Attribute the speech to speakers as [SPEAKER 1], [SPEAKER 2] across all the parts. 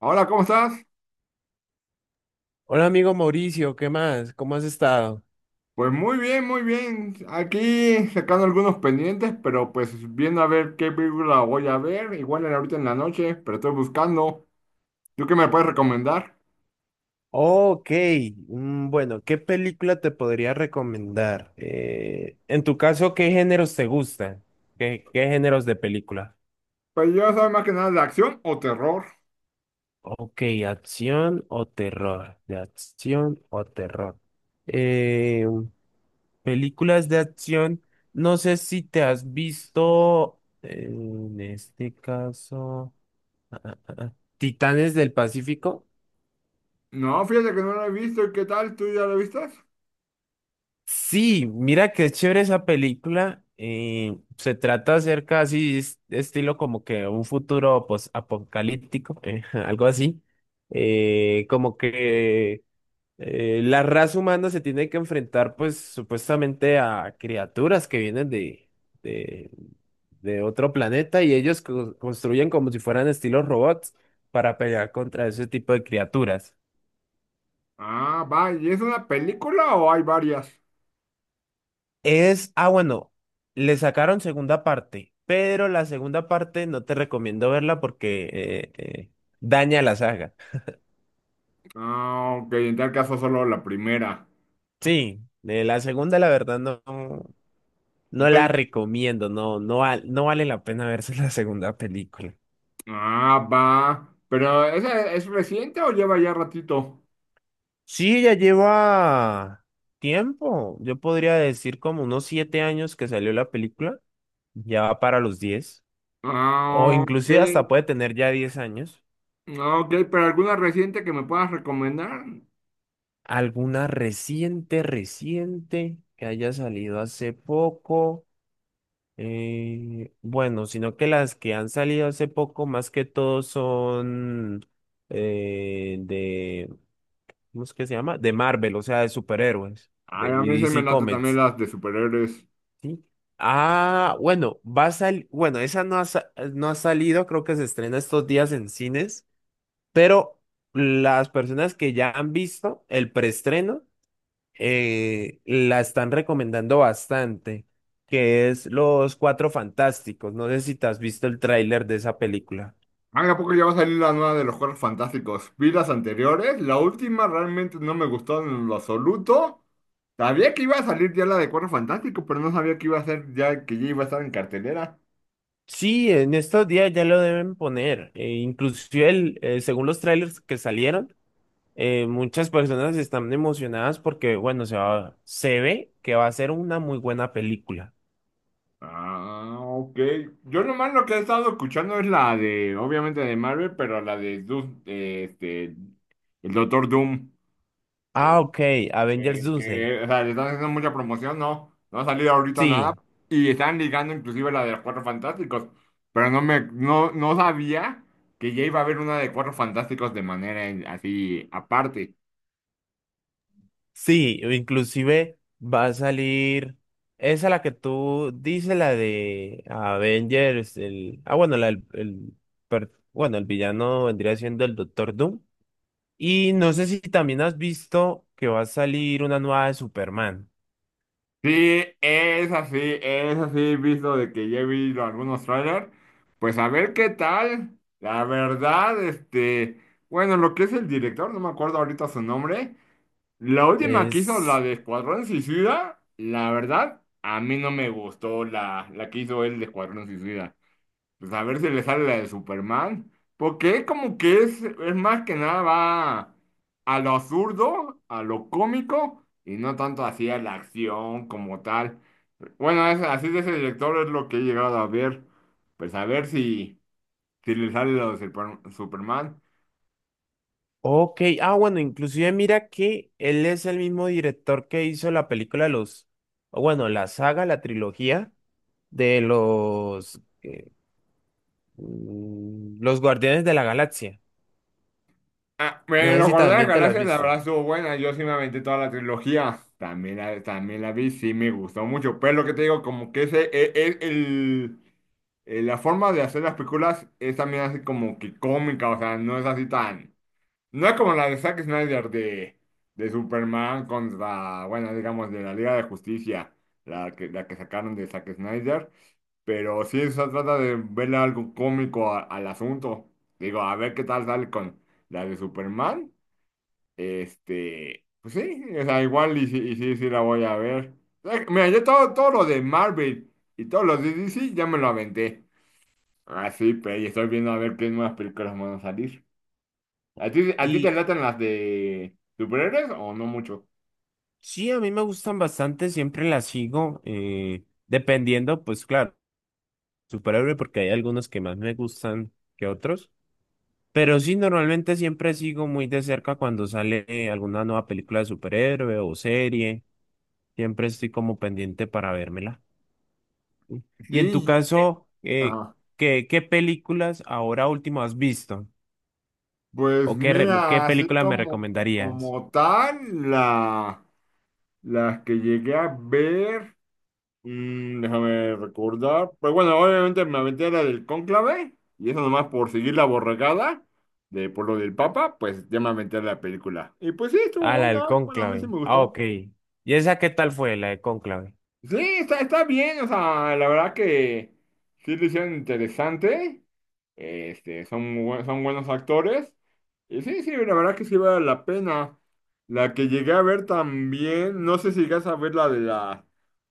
[SPEAKER 1] Hola, ¿cómo estás?
[SPEAKER 2] Hola amigo Mauricio, ¿qué más? ¿Cómo has estado?
[SPEAKER 1] Pues muy bien, muy bien. Aquí sacando algunos pendientes, pero pues viendo a ver qué película voy a ver. Igual era ahorita en la noche, pero estoy buscando. ¿Tú qué me puedes recomendar?
[SPEAKER 2] Ok, bueno, ¿qué película te podría recomendar? En tu caso, ¿qué géneros te gustan? ¿Qué géneros de película?
[SPEAKER 1] Pues yo soy más que nada de acción o terror.
[SPEAKER 2] Ok, acción o terror, de acción o terror. Eh, Películas de acción, no sé si te has visto, en este caso, Titanes del Pacífico.
[SPEAKER 1] No, fíjate que no la he visto. ¿Y qué tal? ¿Tú ya la viste?
[SPEAKER 2] Sí, mira qué chévere esa película. Se trata acerca así, estilo como que un futuro pues, apocalíptico, algo así. Como que la raza humana se tiene que enfrentar pues supuestamente a criaturas que vienen de, de otro planeta y ellos construyen como si fueran estilos robots para pelear contra ese tipo de criaturas.
[SPEAKER 1] Ah, va. ¿Y es una película o hay varias?
[SPEAKER 2] Bueno, le sacaron segunda parte, pero la segunda parte no te recomiendo verla porque daña la saga.
[SPEAKER 1] Ah, ok. En tal caso solo la primera.
[SPEAKER 2] Sí, la segunda la verdad no, no
[SPEAKER 1] Ok.
[SPEAKER 2] la recomiendo, no, no, no vale la pena verse la segunda película.
[SPEAKER 1] Ah, va. ¿Pero esa es reciente o lleva ya ratito?
[SPEAKER 2] Sí, ya lleva tiempo, yo podría decir como unos 7 años que salió la película, ya va para los 10, o
[SPEAKER 1] Ah, ok.
[SPEAKER 2] inclusive hasta puede tener ya 10 años.
[SPEAKER 1] Ah, ok, pero alguna reciente que me puedas recomendar.
[SPEAKER 2] ¿Alguna reciente, reciente que haya salido hace poco? Bueno, sino que las que han salido hace poco más que todo son eh, de, ¿cómo es que se llama? De Marvel, o sea, de superhéroes, de
[SPEAKER 1] Ay, a mí
[SPEAKER 2] y
[SPEAKER 1] se me
[SPEAKER 2] DC
[SPEAKER 1] late también
[SPEAKER 2] Comics,
[SPEAKER 1] las de superhéroes.
[SPEAKER 2] ¿sí? Ah, bueno, va a salir, bueno, esa no ha, no ha salido, creo que se estrena estos días en cines, pero las personas que ya han visto el preestreno, la están recomendando bastante, que es Los Cuatro Fantásticos. No sé si te has visto el tráiler de esa película.
[SPEAKER 1] Ay, ¿a poco ya va a salir la nueva de los Cuatro Fantásticos? Vi las anteriores, la última realmente no me gustó en lo absoluto. Sabía que iba a salir ya la de Cuatro Fantásticos, pero no sabía que iba a ser ya que ya iba a estar en cartelera.
[SPEAKER 2] Sí, en estos días ya lo deben poner. Inclusive según los trailers que salieron, muchas personas están emocionadas porque, bueno, se ve que va a ser una muy buena película.
[SPEAKER 1] Ah, ok. Yo nomás lo que he estado escuchando es la de, obviamente de Marvel, pero la de Doom, de, el Doctor Doom.
[SPEAKER 2] Ah, ok, Avengers Doomsday.
[SPEAKER 1] O sea, le están haciendo mucha promoción, no, no ha salido ahorita nada.
[SPEAKER 2] Sí.
[SPEAKER 1] Y están ligando inclusive la de los Cuatro Fantásticos. Pero no me, no, no sabía que ya iba a haber una de Cuatro Fantásticos de manera en- así aparte.
[SPEAKER 2] Sí, inclusive va a salir esa la que tú dices, la de Avengers, el ah bueno, la del- el, per- bueno, el villano vendría siendo el Doctor Doom. Y no sé si también has visto que va a salir una nueva de Superman.
[SPEAKER 1] Sí, es así, visto de que ya he visto algunos trailers. Pues a ver qué tal. La verdad, bueno, lo que es el director, no me acuerdo ahorita su nombre. La última que hizo, la
[SPEAKER 2] Es
[SPEAKER 1] de Escuadrón Suicida, la verdad, a mí no me gustó la que hizo él de Escuadrón Suicida. Pues a ver si le sale la de Superman, porque como que es más que nada va a lo absurdo, a lo cómico, y no tanto así a la acción como tal. Bueno, es- así de ese director es lo que he llegado a ver. Pues a ver si, si le sale la de Super- Superman.
[SPEAKER 2] Ok, bueno, inclusive mira que él es el mismo director que hizo la película de los, o bueno, la saga, la trilogía de los los Guardianes de la Galaxia.
[SPEAKER 1] Ah,
[SPEAKER 2] No
[SPEAKER 1] me
[SPEAKER 2] sé
[SPEAKER 1] lo
[SPEAKER 2] si
[SPEAKER 1] acordé de las
[SPEAKER 2] también te la has
[SPEAKER 1] Galaxias, la
[SPEAKER 2] visto.
[SPEAKER 1] verdad estuvo buena. Yo sí me aventé toda la trilogía. También la vi, sí me gustó mucho. Pero lo que te digo, como que ese, e- e- el, la forma de hacer las películas es también así como que cómica, o sea, no es así tan... No es como la de Zack Snyder de Superman contra, bueno, digamos, de la Liga de Justicia, la que sacaron de Zack Snyder. Pero sí se trata de verle algo cómico a- al asunto. Digo, a ver qué tal sale con la de Superman. Pues sí, o sea, igual y, sí, sí la voy a ver. Mira, todo lo de Marvel y todos los de DC ya me lo aventé. Así, pero y estoy viendo a ver qué nuevas películas van a salir. ¿A ti te
[SPEAKER 2] Y
[SPEAKER 1] latan las de superhéroes o no mucho?
[SPEAKER 2] sí, a mí me gustan bastante, siempre las sigo, dependiendo, pues claro, superhéroe, porque hay algunos que más me gustan que otros. Pero sí, normalmente siempre sigo muy de cerca cuando sale alguna nueva película de superhéroe o serie. Siempre estoy como pendiente para vérmela. Y en tu
[SPEAKER 1] Sí.
[SPEAKER 2] caso,
[SPEAKER 1] Ajá.
[SPEAKER 2] ¿qué películas ahora último has visto?
[SPEAKER 1] Pues
[SPEAKER 2] ¿O qué
[SPEAKER 1] mira, así
[SPEAKER 2] película me
[SPEAKER 1] como,
[SPEAKER 2] recomendarías?
[SPEAKER 1] como tal, la... Las que llegué a ver, déjame recordar. Pues bueno, obviamente me aventé la del cónclave, y eso nomás por seguir la borregada de por lo del Papa, pues ya me aventé la película. Y pues sí, estuvo
[SPEAKER 2] Ah, la
[SPEAKER 1] buena,
[SPEAKER 2] del
[SPEAKER 1] bueno, a mí sí
[SPEAKER 2] cónclave.
[SPEAKER 1] me
[SPEAKER 2] Ah,
[SPEAKER 1] gustó.
[SPEAKER 2] ok. ¿Y esa qué tal fue, la de cónclave?
[SPEAKER 1] Sí, está bien, o sea, la verdad que sí lo hicieron interesante. Son, muy buen- son buenos actores. Y sí, sí, la verdad que sí vale la pena. La que llegué a ver también, no sé si llegas a ver la de la...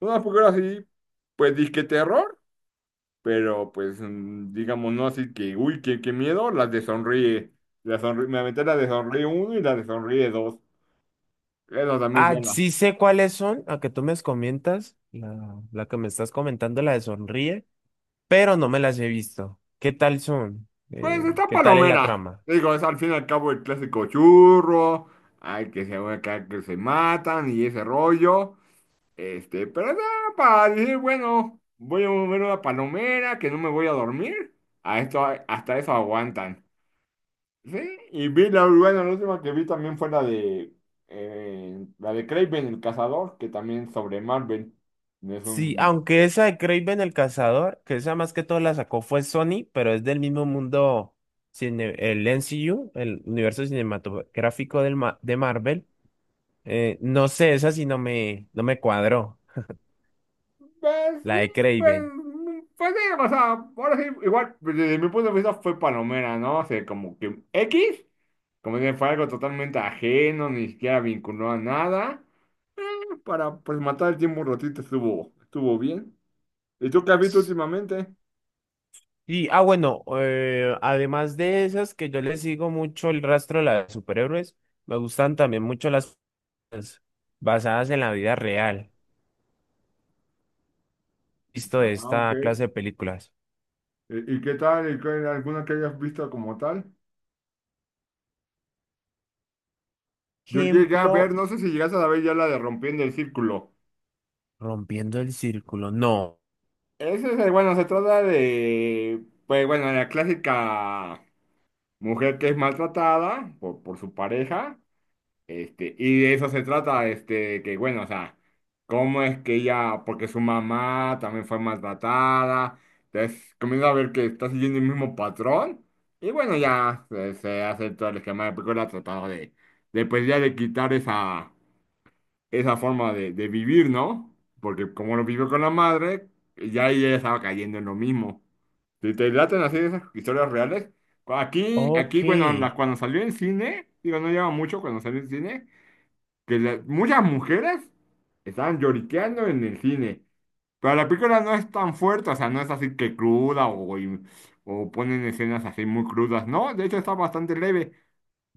[SPEAKER 1] Una película así, pues disque terror, pero pues digamos no así que, uy, qué miedo, las de Sonríe. La Sonríe- me aventé la de Sonríe uno y la de Sonríe dos. Esa también ya
[SPEAKER 2] Ah,
[SPEAKER 1] la...
[SPEAKER 2] sí sé cuáles son, a que tú me comentas, la que me estás comentando, la de Sonríe, pero no me las he visto. ¿Qué tal son?
[SPEAKER 1] Pues está
[SPEAKER 2] ¿Qué tal es la
[SPEAKER 1] palomera.
[SPEAKER 2] trama?
[SPEAKER 1] Digo, es al fin y al cabo el clásico churro, ay, que se, acá que se matan y ese rollo. Pero nada, para decir, bueno, voy a mover una palomera, que no me voy a dormir. A esto, hasta eso aguantan. Sí, y vi la, bueno, la última que vi también fue la de Kraven el cazador, que también es sobre Marvel. Es
[SPEAKER 2] Sí,
[SPEAKER 1] un
[SPEAKER 2] aunque esa de Kraven el Cazador, que esa más que todo la sacó fue Sony, pero es del mismo mundo, el MCU, el universo cinematográfico del de Marvel. No sé, esa sí no me cuadró,
[SPEAKER 1] pues sí,
[SPEAKER 2] la de
[SPEAKER 1] pues,
[SPEAKER 2] Kraven.
[SPEAKER 1] pues sí, o sea, ahora sí, igual, pues, desde mi punto de vista fue palomera, ¿no? O sea, como que X, como que fue algo totalmente ajeno, ni siquiera vinculó a nada. Eh, para, pues, matar el tiempo un ratito estuvo, estuvo bien. ¿Y tú qué has visto últimamente?
[SPEAKER 2] Y, ah, bueno, además de esas que yo les sigo mucho el rastro de las superhéroes, me gustan también mucho las basadas en la vida real, visto de
[SPEAKER 1] Ah,
[SPEAKER 2] esta
[SPEAKER 1] ok.
[SPEAKER 2] clase de películas.
[SPEAKER 1] Y qué tal? ¿Y qué- alguna que hayas visto como tal? Yo llegué a
[SPEAKER 2] Ejemplo,
[SPEAKER 1] ver, no sé si llegaste a ver ya la de Rompiendo el Círculo.
[SPEAKER 2] Rompiendo el Círculo. No.
[SPEAKER 1] Ese es, el- bueno, se trata de, pues, bueno, la clásica... Mujer que es maltratada por su pareja, y de eso se trata, que bueno, o sea, cómo es que ella, porque su mamá también fue maltratada, entonces comienza a ver que está siguiendo el mismo patrón, y bueno, se hace todo el esquema de película tratando de, pues ya de quitar esa forma de vivir, ¿no? Porque como lo vivió con la madre, ya ella estaba cayendo en lo mismo. Si te laten así esas historias reales,
[SPEAKER 2] Ok.
[SPEAKER 1] aquí bueno, la- cuando salió en cine, digo, no lleva mucho cuando salió en cine, que la- muchas mujeres estaban lloriqueando en el cine. Pero la película no es tan fuerte, o sea, no es así que cruda o ponen escenas así muy crudas, ¿no? De hecho está bastante leve.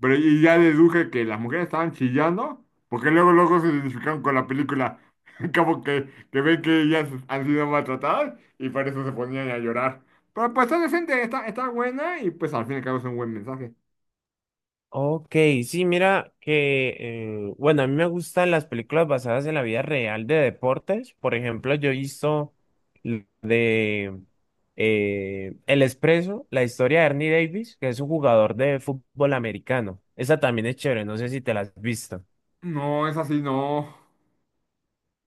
[SPEAKER 1] Pero y ya deduje que las mujeres estaban chillando, porque luego, luego se identificaron con la película. Como que ven que ellas han sido maltratadas y por eso se ponían a llorar. Pero pues está decente, está, está buena y pues al fin y al cabo es un buen mensaje.
[SPEAKER 2] Ok, sí, mira que, bueno, a mí me gustan las películas basadas en la vida real de deportes. Por ejemplo, yo he visto l- de El Expreso, la historia de Ernie Davis, que es un jugador de fútbol americano. Esa también es chévere, no sé si te la has visto.
[SPEAKER 1] No, es así, no.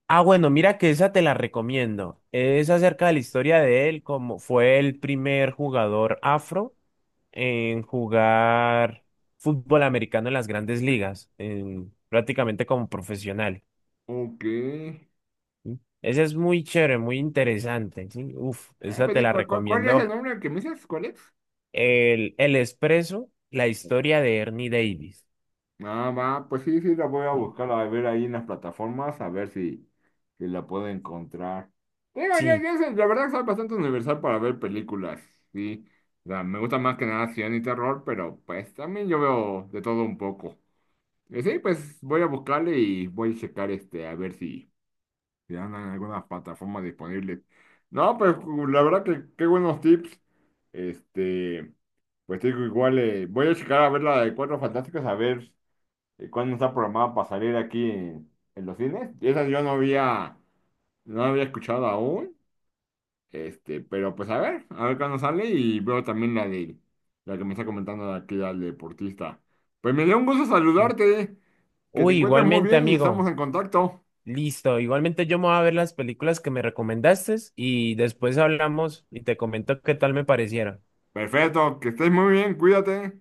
[SPEAKER 2] Ah, bueno, mira que esa te la recomiendo. Es acerca de la historia de él, como fue el primer jugador afro en jugar fútbol americano en las grandes ligas, prácticamente como profesional.
[SPEAKER 1] Ok.
[SPEAKER 2] ¿Sí? Esa es muy chévere, muy interesante. ¿Sí? Uf,
[SPEAKER 1] Ah,
[SPEAKER 2] esa
[SPEAKER 1] pues,
[SPEAKER 2] te
[SPEAKER 1] sí,
[SPEAKER 2] la
[SPEAKER 1] ¿cuál es el
[SPEAKER 2] recomiendo.
[SPEAKER 1] nombre que me dices? ¿Cuál es?
[SPEAKER 2] El Expreso, la historia de Ernie Davis.
[SPEAKER 1] Ah, va, pues sí, sí, la voy a
[SPEAKER 2] Sí.
[SPEAKER 1] buscar a ver ahí en las plataformas, a ver si, si la puedo encontrar. Digo,
[SPEAKER 2] Sí,
[SPEAKER 1] yo sé, la verdad soy bastante universal para ver películas, sí. O sea, me gusta más que nada acción y terror, pero pues también yo veo de todo un poco. Y sí, pues voy a buscarle y voy a checar a ver si, si andan en algunas plataformas disponibles. No, pues la verdad que qué buenos tips. Este, pues digo, igual voy a checar a ver la de Cuatro Fantásticos, a ver cuándo está programada para salir aquí en los cines. Y esas yo no había, no había escuchado aún, pero pues a ver cuándo sale y veo también la que me está comentando aquí al deportista. Pues me dio un gusto
[SPEAKER 2] sí.
[SPEAKER 1] saludarte, que te
[SPEAKER 2] Uy,
[SPEAKER 1] encuentres muy
[SPEAKER 2] igualmente,
[SPEAKER 1] bien y estamos
[SPEAKER 2] amigo.
[SPEAKER 1] en contacto.
[SPEAKER 2] Listo, igualmente yo me voy a ver las películas que me recomendaste y después hablamos y te comento qué tal me parecieron.
[SPEAKER 1] Perfecto, que estés muy bien, cuídate.